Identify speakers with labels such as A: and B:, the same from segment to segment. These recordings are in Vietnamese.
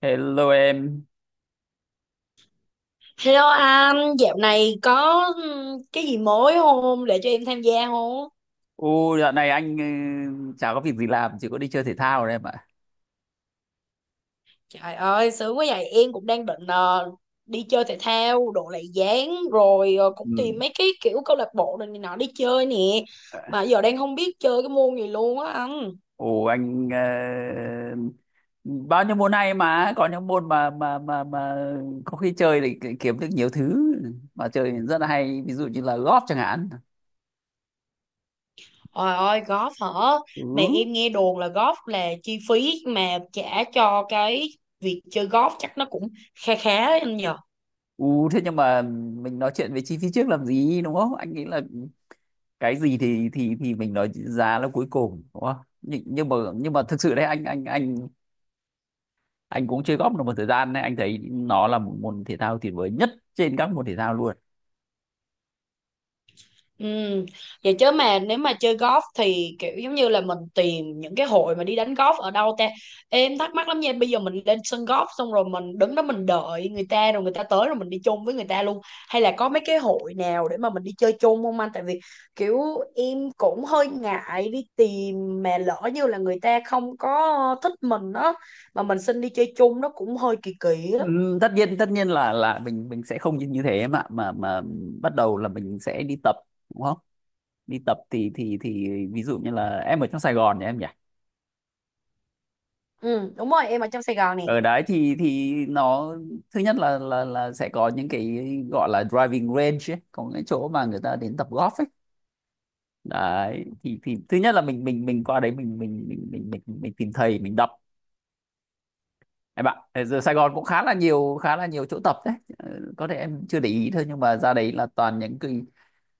A: Hello em.
B: Hello anh, dạo này có cái gì mới không để cho em tham gia không?
A: Dạo này anh chả có việc gì làm, chỉ có đi chơi thể thao thôi em ạ.
B: Trời ơi, sướng quá vậy, em cũng đang định đi chơi thể thao, độ lại dáng rồi
A: Ừ.
B: cũng tìm mấy cái kiểu câu lạc bộ này nọ đi chơi nè. Mà giờ đang không biết chơi cái môn gì luôn á anh.
A: Ồ anh, bao nhiêu môn hay mà có những môn mà có khi chơi thì kiếm được nhiều thứ mà chơi thì rất là hay, ví dụ như là golf chẳng hạn.
B: Trời ơi, golf hả? Mà
A: Ừ.
B: em nghe đồn là golf là chi phí mà trả cho cái việc chơi golf chắc nó cũng kha khá anh nhỉ?
A: Thế nhưng mà mình nói chuyện về chi phí trước làm gì đúng không? Anh nghĩ là cái gì thì mình nói giá là cuối cùng đúng không? Nhưng mà thực sự đấy, anh cũng chơi golf được một thời gian đấy, anh thấy nó là một môn thể thao tuyệt vời nhất trên các môn thể thao luôn.
B: Ừ. Vậy chứ mà nếu mà chơi golf thì kiểu giống như là mình tìm những cái hội mà đi đánh golf ở đâu ta, em thắc mắc lắm nha. Bây giờ mình lên sân golf xong rồi mình đứng đó mình đợi người ta rồi người ta tới rồi mình đi chung với người ta luôn, hay là có mấy cái hội nào để mà mình đi chơi chung không anh? Tại vì kiểu em cũng hơi ngại đi tìm mà lỡ như là người ta không có thích mình đó, mà mình xin đi chơi chung nó cũng hơi kỳ kỳ đó.
A: Tất nhiên là mình sẽ không như như thế mà bắt đầu là mình sẽ đi tập, đúng không? Đi tập thì ví dụ như là em ở trong Sài Gòn nhỉ, em nhỉ?
B: Ừ đúng rồi, em ở trong Sài Gòn nè.
A: Ở đấy thì nó, thứ nhất là sẽ có những cái gọi là driving range ấy, có những chỗ mà người ta đến tập golf ấy. Đấy thì thứ nhất là mình qua đấy, mình tìm thầy mình đọc. Em ạ, thế giờ Sài Gòn cũng khá là nhiều chỗ tập đấy. Ờ, Có thể em chưa để ý thôi nhưng mà ra đấy là toàn những cái,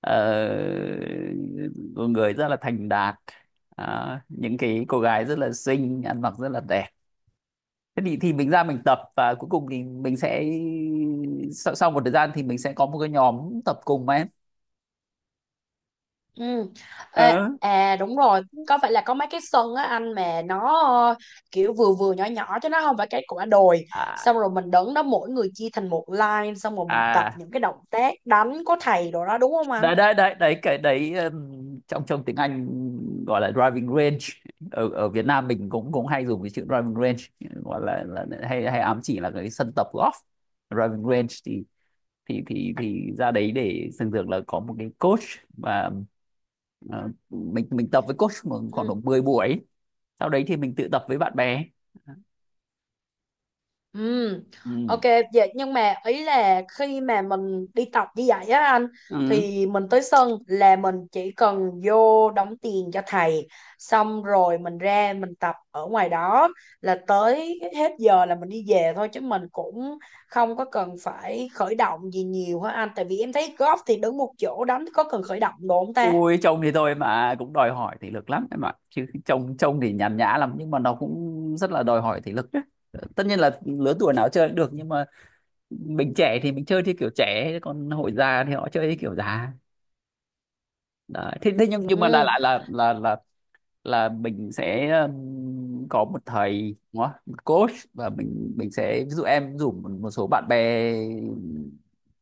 A: ờ, người rất là thành đạt, đó, những cái cô gái rất là xinh, ăn mặc rất là đẹp. Thế thì mình ra mình tập và cuối cùng thì mình sẽ, sau một thời gian thì mình sẽ có một cái nhóm tập cùng mà em.
B: Ừ. Ê,
A: Ờ.
B: à đúng rồi, có phải là có mấy cái sân á anh mà nó ờ, kiểu vừa vừa nhỏ nhỏ chứ nó không phải cái quả đồi,
A: À,
B: xong rồi mình đứng đó mỗi người chia thành một line xong rồi mình tập
A: à,
B: những cái động tác đánh có thầy đồ đó, đúng không anh?
A: đấy đấy đấy đấy cái đấy, trong trong tiếng Anh gọi là driving range. Ở ở Việt Nam mình cũng cũng hay dùng cái chữ driving range, gọi là hay hay ám chỉ là cái sân tập golf. Driving range thì ra đấy, để thường thường là có một cái coach và mình tập với coach khoảng độ 10 buổi, sau đấy thì mình tự tập với bạn bè.
B: Ừ,
A: Ừ.
B: ok. Vậy nhưng mà ý là khi mà mình đi tập như vậy á anh,
A: Ừ.
B: thì mình tới sân là mình chỉ cần vô đóng tiền cho thầy, xong rồi mình ra mình tập ở ngoài đó, là tới hết giờ là mình đi về thôi chứ mình cũng không có cần phải khởi động gì nhiều hả anh? Tại vì em thấy golf thì đứng một chỗ đánh có cần khởi động đồ không ta?
A: Ui, trông thì tôi mà cũng đòi hỏi thể lực lắm em ạ, chứ trông trông thì nhàn nhã lắm nhưng mà nó cũng rất là đòi hỏi thể lực đấy. Tất nhiên là lứa tuổi nào chơi cũng được nhưng mà mình trẻ thì mình chơi theo kiểu trẻ, còn hội già thì họ chơi theo kiểu già. Đấy. Thế thế nhưng mà đại
B: Ừ.
A: lại là mình sẽ, có một thầy, đúng không? Một coach và mình sẽ, ví dụ em rủ một số bạn bè,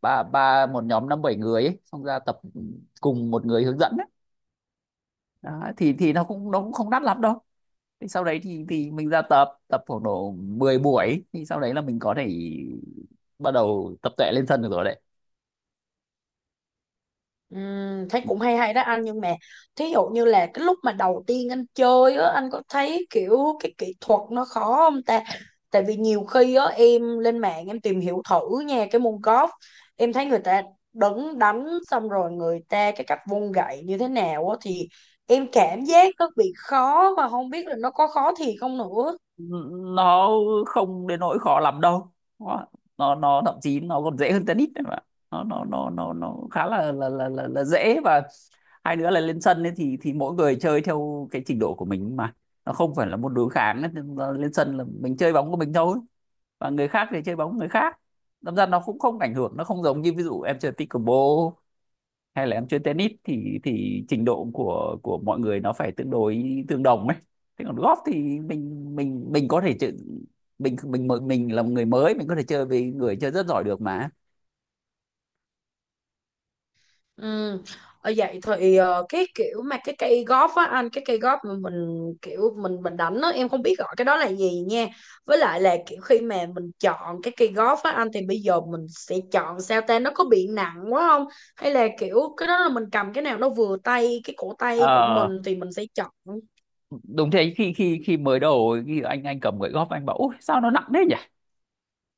A: ba ba một nhóm năm bảy người ấy, xong ra tập cùng một người hướng dẫn ấy. Đó, thì nó cũng không đắt lắm đâu. Thì sau đấy thì mình ra tập tập khoảng độ 10 buổi, thì sau đấy là mình có thể bắt đầu tập tuệ lên sân được rồi đấy.
B: Thấy cũng hay hay đó anh, nhưng mà thí dụ như là cái lúc mà đầu tiên anh chơi á, anh có thấy kiểu cái kỹ thuật nó khó không ta? Tại vì nhiều khi á em lên mạng em tìm hiểu thử nha cái môn golf, em thấy người ta đứng đánh xong rồi người ta cái cách vung gậy như thế nào á, thì em cảm giác nó bị khó và không biết là nó có khó thiệt không nữa.
A: Nó không đến nỗi khó lắm đâu. Nó nó nó thậm chí nó còn dễ hơn tennis đấy mà. Nó khá là dễ, và hai nữa là lên sân ấy thì mỗi người chơi theo cái trình độ của mình mà, nó không phải là môn đối kháng ấy. Nên là lên sân là mình chơi bóng của mình thôi và người khác thì chơi bóng người khác, đâm ra nó cũng không ảnh hưởng, nó không giống như ví dụ em chơi pickleball hay là em chơi tennis thì trình độ của mọi người nó phải tương đối tương đồng ấy. Thế còn golf thì mình có thể chơi, mình là một người mới mình có thể chơi với người chơi rất giỏi được mà.
B: Ừ. Ở vậy thì cái kiểu mà cái cây golf á anh, cái cây golf mà mình kiểu mình đánh á, em không biết gọi cái đó là gì nha. Với lại là kiểu khi mà mình chọn cái cây golf á anh, thì bây giờ mình sẽ chọn sao ta, nó có bị nặng quá không, hay là kiểu cái đó là mình cầm cái nào nó vừa tay cái cổ tay của
A: Ờ,
B: mình thì mình sẽ chọn.
A: Đúng thế, khi khi khi mới đầu khi anh cầm gậy golf, anh bảo ôi sao nó nặng thế nhỉ.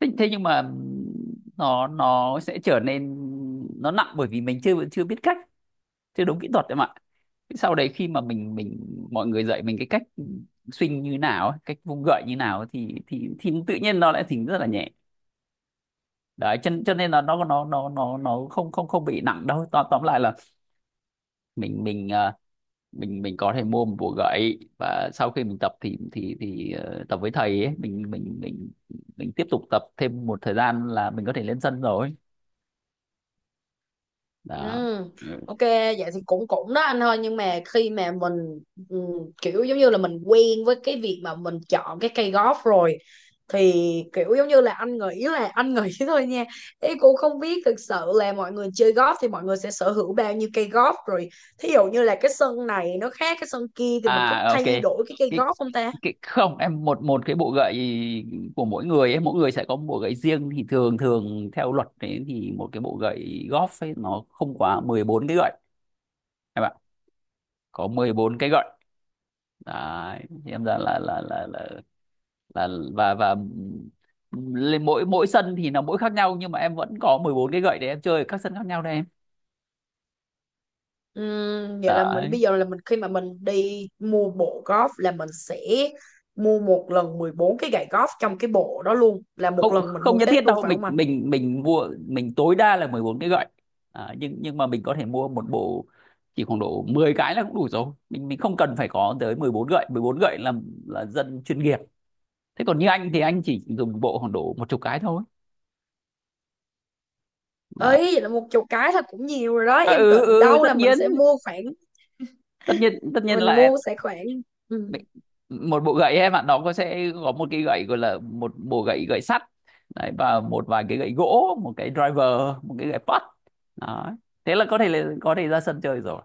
A: Thế nhưng mà nó sẽ trở nên, nó nặng bởi vì mình chưa chưa biết cách, chưa đúng kỹ thuật em ạ. Sau đấy khi mà mình mọi người dạy mình cái cách swing như nào ấy, cách vung gậy như nào ấy, thì tự nhiên nó lại thỉnh rất là nhẹ. Đấy cho nên là nó không không không bị nặng đâu. Tóm lại là mình mình có thể mua một bộ gậy và sau khi mình tập thì tập với thầy ấy, mình tiếp tục tập thêm một thời gian là mình có thể lên sân rồi. Đó.
B: Ừ,
A: Ừ.
B: ok vậy thì cũng cũng đó anh, thôi nhưng mà khi mà mình ừ, kiểu giống như là mình quen với cái việc mà mình chọn cái cây golf rồi, thì kiểu giống như là anh nghĩ thôi nha, ý cũng không biết thực sự là mọi người chơi golf thì mọi người sẽ sở hữu bao nhiêu cây golf rồi, thí dụ như là cái sân này nó khác cái sân kia thì mình có
A: À, ok.
B: thay đổi cái cây
A: cái
B: golf không ta?
A: cái Không em, một một cái bộ gậy của mỗi người ấy, mỗi người sẽ có một bộ gậy riêng, thì thường thường theo luật đấy thì một cái bộ gậy golf ấy nó không quá 14 cái gậy em ạ. Có 14 cái gậy đấy. Thì em ra là và lên mỗi mỗi sân thì nó mỗi khác nhau, nhưng mà em vẫn có 14 cái gậy để em chơi ở các sân khác nhau đây em.
B: Vậy là mình
A: Đấy,
B: bây giờ là mình khi mà mình đi mua bộ golf là mình sẽ mua một lần 14 cái gậy golf trong cái bộ đó luôn, là một
A: không
B: lần mình
A: không
B: mua
A: nhất thiết
B: hết luôn
A: đâu.
B: phải
A: mình
B: không anh?
A: mình mình mua, mình tối đa là 14 cái gậy. À, nhưng mà mình có thể mua một bộ, chỉ khoảng độ 10 cái là cũng đủ rồi, mình không cần phải có tới 14 gậy. 14 gậy là dân chuyên nghiệp. Thế còn như anh thì anh chỉ dùng bộ khoảng độ một chục cái thôi. Đó.
B: Ấy vậy là một chục cái thôi cũng nhiều rồi đó,
A: À,
B: em
A: ừ,
B: tưởng
A: ừ,
B: đâu
A: tất
B: là mình
A: nhiên
B: sẽ mua khoảng,
A: tất nhiên tất nhiên
B: mình
A: là,
B: mua sẽ khoảng. Ừ.
A: đấy, một bộ gậy em ạ, nó có sẽ có một cái gậy gọi là một bộ gậy gậy sắt đấy, và một vài cái gậy gỗ, một cái driver, một cái gậy putt. Đó, thế là có thể, ra sân chơi rồi.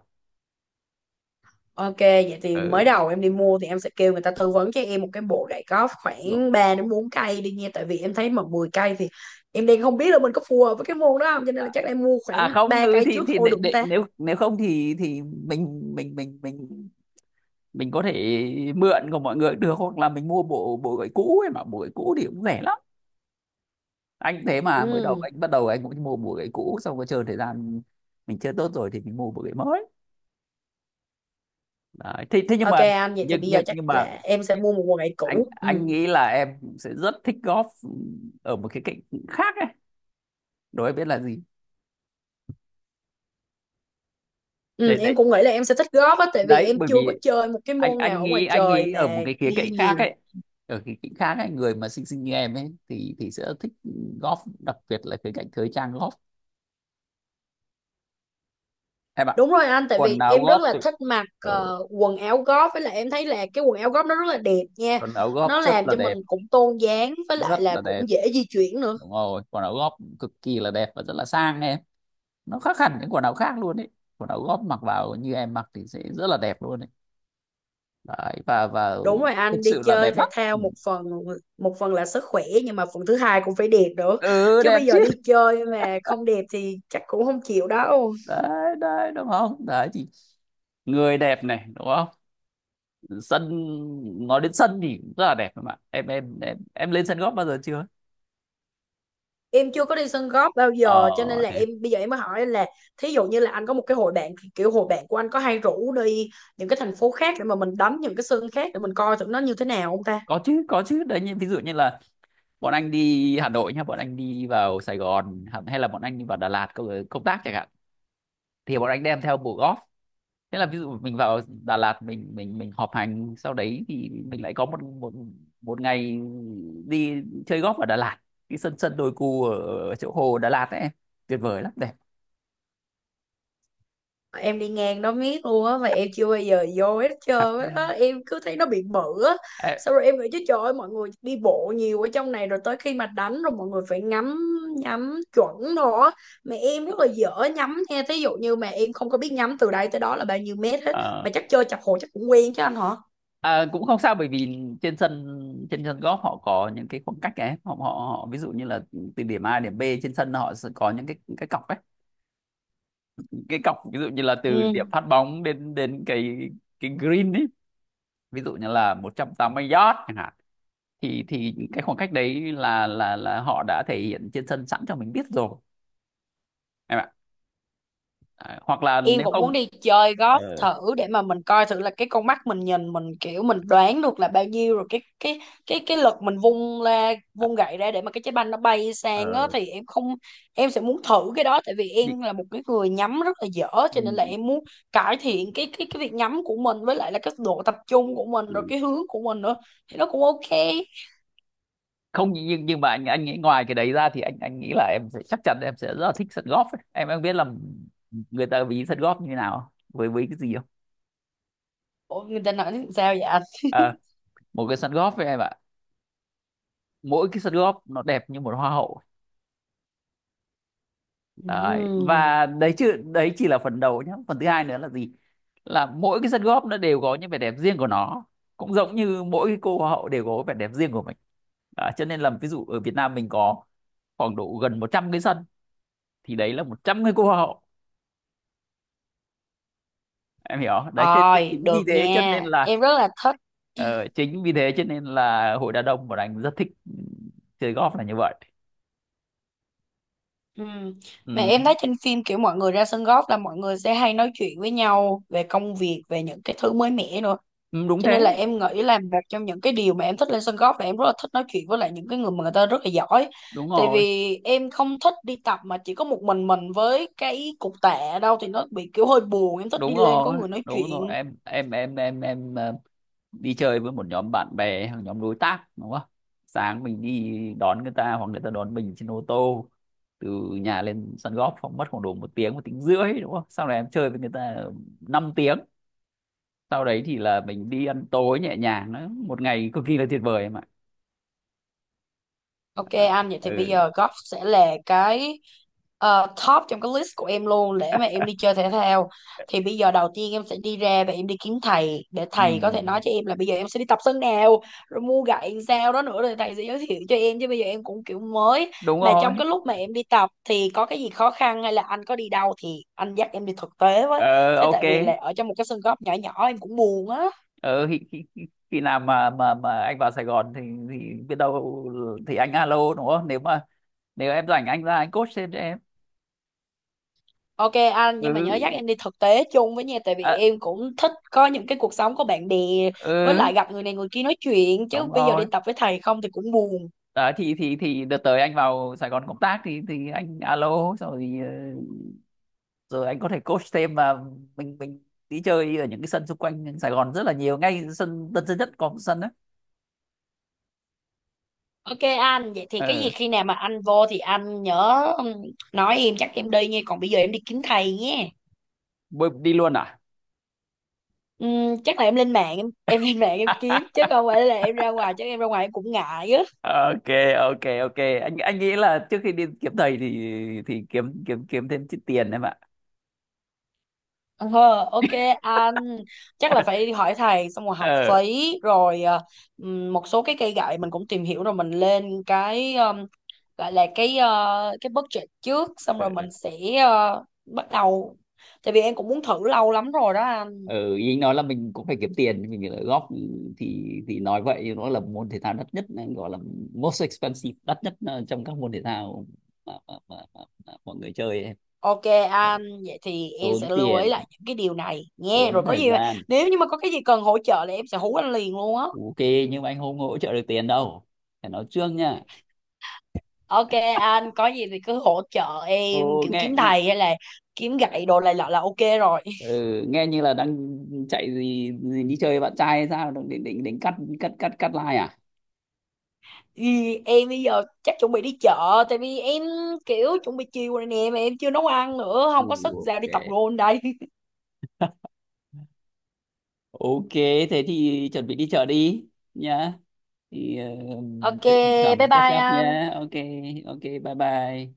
B: Ok vậy thì
A: Ừ,
B: mới đầu em đi mua thì em sẽ kêu người ta tư vấn cho em một cái bộ gậy golf
A: đúng.
B: khoảng 3 đến 4 cây đi nha, tại vì em thấy mà 10 cây thì em đang không biết là mình có phù hợp với cái môn đó không, cho nên là
A: à
B: chắc là em mua khoảng
A: à không,
B: 3
A: ừ,
B: cây
A: thì
B: trước
A: thì
B: thôi được không ta?
A: nếu nếu không thì mình có thể mượn của mọi người được, hoặc là mình mua bộ bộ gậy cũ ấy, mà bộ gậy cũ thì cũng rẻ lắm. Anh thế mà mới đầu
B: Ừ.
A: anh bắt đầu, anh cũng mua bộ gậy cũ xong rồi chơi thời gian, mình chơi tốt rồi thì mình mua bộ gậy mới. Đấy. Thế nhưng
B: Ok
A: mà
B: anh, vậy thì
A: nhưng
B: bây giờ
A: nhưng
B: chắc
A: nhưng mà
B: là em sẽ mua một quần lại
A: anh
B: cũ.
A: anh
B: Ừ.
A: nghĩ là em sẽ rất thích golf ở một cái cạnh khác ấy. Đố em biết là gì?
B: Ừ,
A: Đấy
B: em
A: đấy.
B: cũng nghĩ là em sẽ thích golf á, tại vì
A: Đấy
B: em
A: bởi
B: chưa có
A: vì
B: chơi một cái
A: anh
B: môn nào
A: anh
B: ở ngoài
A: nghĩ anh
B: trời
A: nghĩ ở
B: mà
A: một cái khía cạnh
B: đi
A: khác
B: nhiều.
A: ấy. Ở cái cạnh khác ấy, người mà xinh xinh như em ấy thì sẽ thích golf, đặc biệt là khía cạnh thời trang golf. Em ạ,
B: Đúng rồi anh, tại
A: quần
B: vì
A: áo
B: em rất
A: golf
B: là
A: thì-
B: thích mặc
A: ừ,
B: quần áo golf, với lại em thấy là cái quần áo golf nó rất là đẹp nha.
A: quần áo golf
B: Nó
A: rất
B: làm
A: là
B: cho mình
A: đẹp,
B: cũng tôn dáng, với
A: rất
B: lại
A: là
B: là
A: đẹp.
B: cũng dễ di chuyển nữa.
A: Đúng rồi, quần áo golf cực kỳ là đẹp và rất là sang em, nó khác hẳn những quần áo khác luôn đấy. Quần áo góp mặc vào như em mặc thì sẽ rất là đẹp luôn đấy, đấy và
B: Đúng rồi
A: thực
B: anh, đi
A: sự là
B: chơi
A: đẹp lắm,
B: thể thao
A: ừ.
B: một phần, một phần là sức khỏe, nhưng mà phần thứ hai cũng phải đẹp nữa.
A: Ừ,
B: Chứ
A: đẹp
B: bây giờ
A: chứ,
B: đi chơi mà không đẹp thì chắc cũng không chịu đâu.
A: đấy đấy, đúng không? Đấy thì người đẹp này, đúng không? Sân, nói đến sân thì cũng rất là đẹp mà Em lên sân góp bao giờ chưa?
B: Em chưa có đi sân golf bao
A: ờ
B: giờ cho nên là
A: Này,
B: em bây giờ em mới hỏi anh là, thí dụ như là anh có một cái hội bạn, kiểu hội bạn của anh có hay rủ đi những cái thành phố khác để mà mình đánh những cái sân khác để mình coi thử nó như thế nào không ta?
A: có chứ, có chứ, đấy như ví dụ như là bọn anh đi Hà Nội nhá, bọn anh đi vào Sài Gòn hay là bọn anh đi vào Đà Lạt công công tác chẳng hạn, thì bọn anh đem theo bộ golf. Thế là ví dụ mình vào Đà Lạt, mình họp hành, sau đấy thì mình lại có một một một ngày đi chơi golf ở Đà Lạt, cái sân sân đồi cù ở chỗ hồ Đà Lạt ấy, tuyệt vời lắm, đẹp.
B: Em đi ngang đó miết luôn á mà em chưa bao giờ vô hết trơn á, em cứ thấy nó bị bự á,
A: Ê,
B: xong rồi em nghĩ chứ trời ơi mọi người đi bộ nhiều ở trong này rồi tới khi mà đánh rồi mọi người phải ngắm, nhắm chuẩn rồi á. Mà em rất là dở nhắm nha, thí dụ như mà em không có biết nhắm từ đây tới đó là bao nhiêu mét hết,
A: ờ,
B: mà chắc chơi chập hồ chắc cũng quen chứ anh hả?
A: à, cũng không sao bởi vì trên sân, trên sân golf họ có những cái khoảng cách ấy, họ, họ họ ví dụ như là từ điểm A đến điểm B trên sân, họ sẽ có những cái cọc ấy, cái cọc ví dụ như là từ điểm
B: Ừ.
A: phát bóng đến đến cái green ấy, ví dụ như là 180 yard chẳng hạn, thì cái khoảng cách đấy là họ đã thể hiện trên sân sẵn cho mình biết rồi em ạ. À, hoặc là
B: Em
A: nếu
B: cũng muốn
A: không,
B: đi chơi golf
A: ờ,
B: thử để mà mình coi thử là cái con mắt mình nhìn mình kiểu mình đoán được là bao nhiêu rồi, cái lực mình vung ra
A: à,
B: vung gậy ra để mà cái trái banh nó bay sang á
A: ờ,
B: thì em không, em sẽ muốn thử cái đó tại vì
A: đi-
B: em là một cái người nhắm rất là dở, cho nên là
A: ừ,
B: em muốn cải thiện cái việc nhắm của mình, với lại là cái độ tập trung của mình
A: ừ.
B: rồi cái hướng của mình nữa thì nó cũng ok.
A: Không, nhưng mà anh nghĩ ngoài cái đấy ra thì anh nghĩ là em sẽ chắc chắn em sẽ rất là thích sân golf ấy. Em biết là người ta ví sân golf như thế nào với cái gì không?
B: Ủa, người ta nói sao vậy anh?
A: Ờ, Một cái sân golf với em ạ, mỗi cái sân golf nó đẹp như một hoa hậu. Đấy.
B: Ừ.
A: Và đấy chứ, đấy chỉ là phần đầu nhé. Phần thứ hai nữa là gì? Là mỗi cái sân góp nó đều có những vẻ đẹp riêng của nó. Cũng giống như mỗi cái cô hoa hậu đều có vẻ đẹp riêng của mình. Đó, cho nên là ví dụ ở Việt Nam mình có khoảng độ gần 100 cái sân, thì đấy là 100 cái cô hoa hậu. Em hiểu không? Đấy cho
B: Rồi,
A: chính
B: được
A: vì thế cho nên
B: nha.
A: là,
B: Em rất là thích.
A: chính vì thế cho nên là hội đa đông của anh rất thích, chơi golf là như vậy.
B: Ừ. Mà
A: Ừ.
B: em thấy trên phim kiểu mọi người ra sân golf là mọi người sẽ hay nói chuyện với nhau về công việc, về những cái thứ mới mẻ nữa.
A: Ừ, đúng
B: Cho nên
A: thế,
B: là em nghĩ là một trong những cái điều mà em thích lên sân golf là em rất là thích nói chuyện với lại những cái người mà người ta rất là giỏi.
A: đúng
B: Tại
A: rồi,
B: vì em không thích đi tập mà chỉ có một mình với cái cục tạ đâu thì nó bị kiểu hơi buồn. Em thích đi
A: đúng
B: lên có
A: rồi,
B: người nói
A: đúng
B: chuyện.
A: rồi. Em đi chơi với một nhóm bạn bè hoặc nhóm đối tác, đúng không? Sáng mình đi đón người ta hoặc người ta đón mình trên ô tô, từ nhà lên sân golf khoảng mất khoảng độ một tiếng, một tiếng rưỡi, đúng không? Sau này em chơi với người ta 5 tiếng, sau đấy thì là mình đi ăn tối nhẹ nhàng, nó một ngày cực kỳ là tuyệt vời em ạ.
B: Ok
A: À,
B: anh, vậy thì bây
A: ừ.
B: giờ golf sẽ là cái top trong cái list của em luôn để mà em đi chơi thể thao. Thì bây giờ đầu tiên em sẽ đi ra và em đi kiếm thầy để
A: Ừ,
B: thầy có thể nói cho em là bây giờ em sẽ đi tập sân nào, rồi mua gậy làm sao đó nữa rồi thầy sẽ giới thiệu cho em, chứ bây giờ em cũng kiểu mới.
A: đúng
B: Mà
A: rồi,
B: trong cái lúc mà em đi tập thì có cái gì khó khăn hay là anh có đi đâu thì anh dắt em đi thực tế với.
A: ờ,
B: Thế
A: ok,
B: tại vì là ở trong một cái sân golf nhỏ nhỏ em cũng buồn á.
A: ờ, khi, khi, khi khi nào mà anh vào Sài Gòn thì biết đâu thì anh alo, đúng không? Nếu em rảnh, anh ra anh coach thêm cho em.
B: Ok anh, nhưng mà nhớ dắt
A: Ừ,
B: em đi thực tế chung với nha, tại vì
A: à,
B: em cũng thích có những cái cuộc sống có bạn bè, với
A: ừ,
B: lại gặp người này người kia nói chuyện, chứ
A: đúng
B: bây giờ đi
A: rồi.
B: tập với thầy không thì cũng buồn.
A: Đấy, thì đợt tới anh vào Sài Gòn công tác thì anh alo xong rồi, rồi anh có thể coach thêm mà, mình đi chơi ở những cái sân xung quanh Sài Gòn rất là nhiều, ngay sân Tân Sơn Nhất có một sân đấy.
B: Ok anh vậy thì cái gì
A: Ừ.
B: khi nào mà anh vô thì anh nhớ nói em chắc em đi nha, còn bây giờ em đi kiếm thầy nhé.
A: Bơi đi luôn à?
B: Chắc là em lên mạng em lên mạng em kiếm chứ không phải là em ra ngoài, chứ em ra ngoài em cũng ngại á.
A: Ok, ok, ok, anh nghĩ là trước khi đi kiếm thầy thì kiếm kiếm kiếm thêm chút tiền em ạ.
B: Ờ, ok anh, chắc là phải hỏi thầy xong rồi học
A: ờ
B: phí rồi một số cái cây gậy mình cũng tìm hiểu rồi mình lên cái gọi là cái cái budget trước xong rồi mình sẽ bắt đầu, tại vì em cũng muốn thử lâu lắm rồi đó anh.
A: ừ, ý anh nói là mình cũng phải kiếm tiền, mình phải góp, thì nói vậy, nó là môn thể thao đắt nhất, gọi là most expensive, đắt nhất, trong các môn thể thao mà, mà, mà, mà, mà mọi người chơi ấy.
B: Ok anh, vậy thì em
A: Tốn
B: sẽ lưu ý
A: tiền,
B: lại những cái điều này nghe,
A: tốn
B: rồi có
A: thời
B: gì mà,
A: gian.
B: nếu như mà có cái gì cần hỗ trợ là em sẽ hú anh liền luôn á.
A: Ok, nhưng mà anh không hỗ trợ được tiền đâu, phải nói trước nha.
B: Ok anh, có gì thì cứ hỗ trợ em
A: Ô,
B: kiểu
A: nghe,
B: kiếm thầy hay là kiếm gậy đồ này nọ là ok rồi.
A: ừ, nghe như là đang chạy gì, đi chơi với bạn trai hay sao, đang định định định cắt cắt cắt cắt like à?
B: Ừ, em bây giờ chắc chuẩn bị đi chợ, tại vì em kiểu chuẩn bị chiều rồi nè mà em chưa nấu ăn nữa,
A: Ừ,
B: không có sức ra
A: ok.
B: đi tập gôn đây
A: Ok, thế thì chuẩn bị đi chợ đi nhá. Thì
B: ok
A: định định tổng
B: bye
A: mình catch
B: bye
A: up
B: anh.
A: nhá. Ok, ok, bye bye.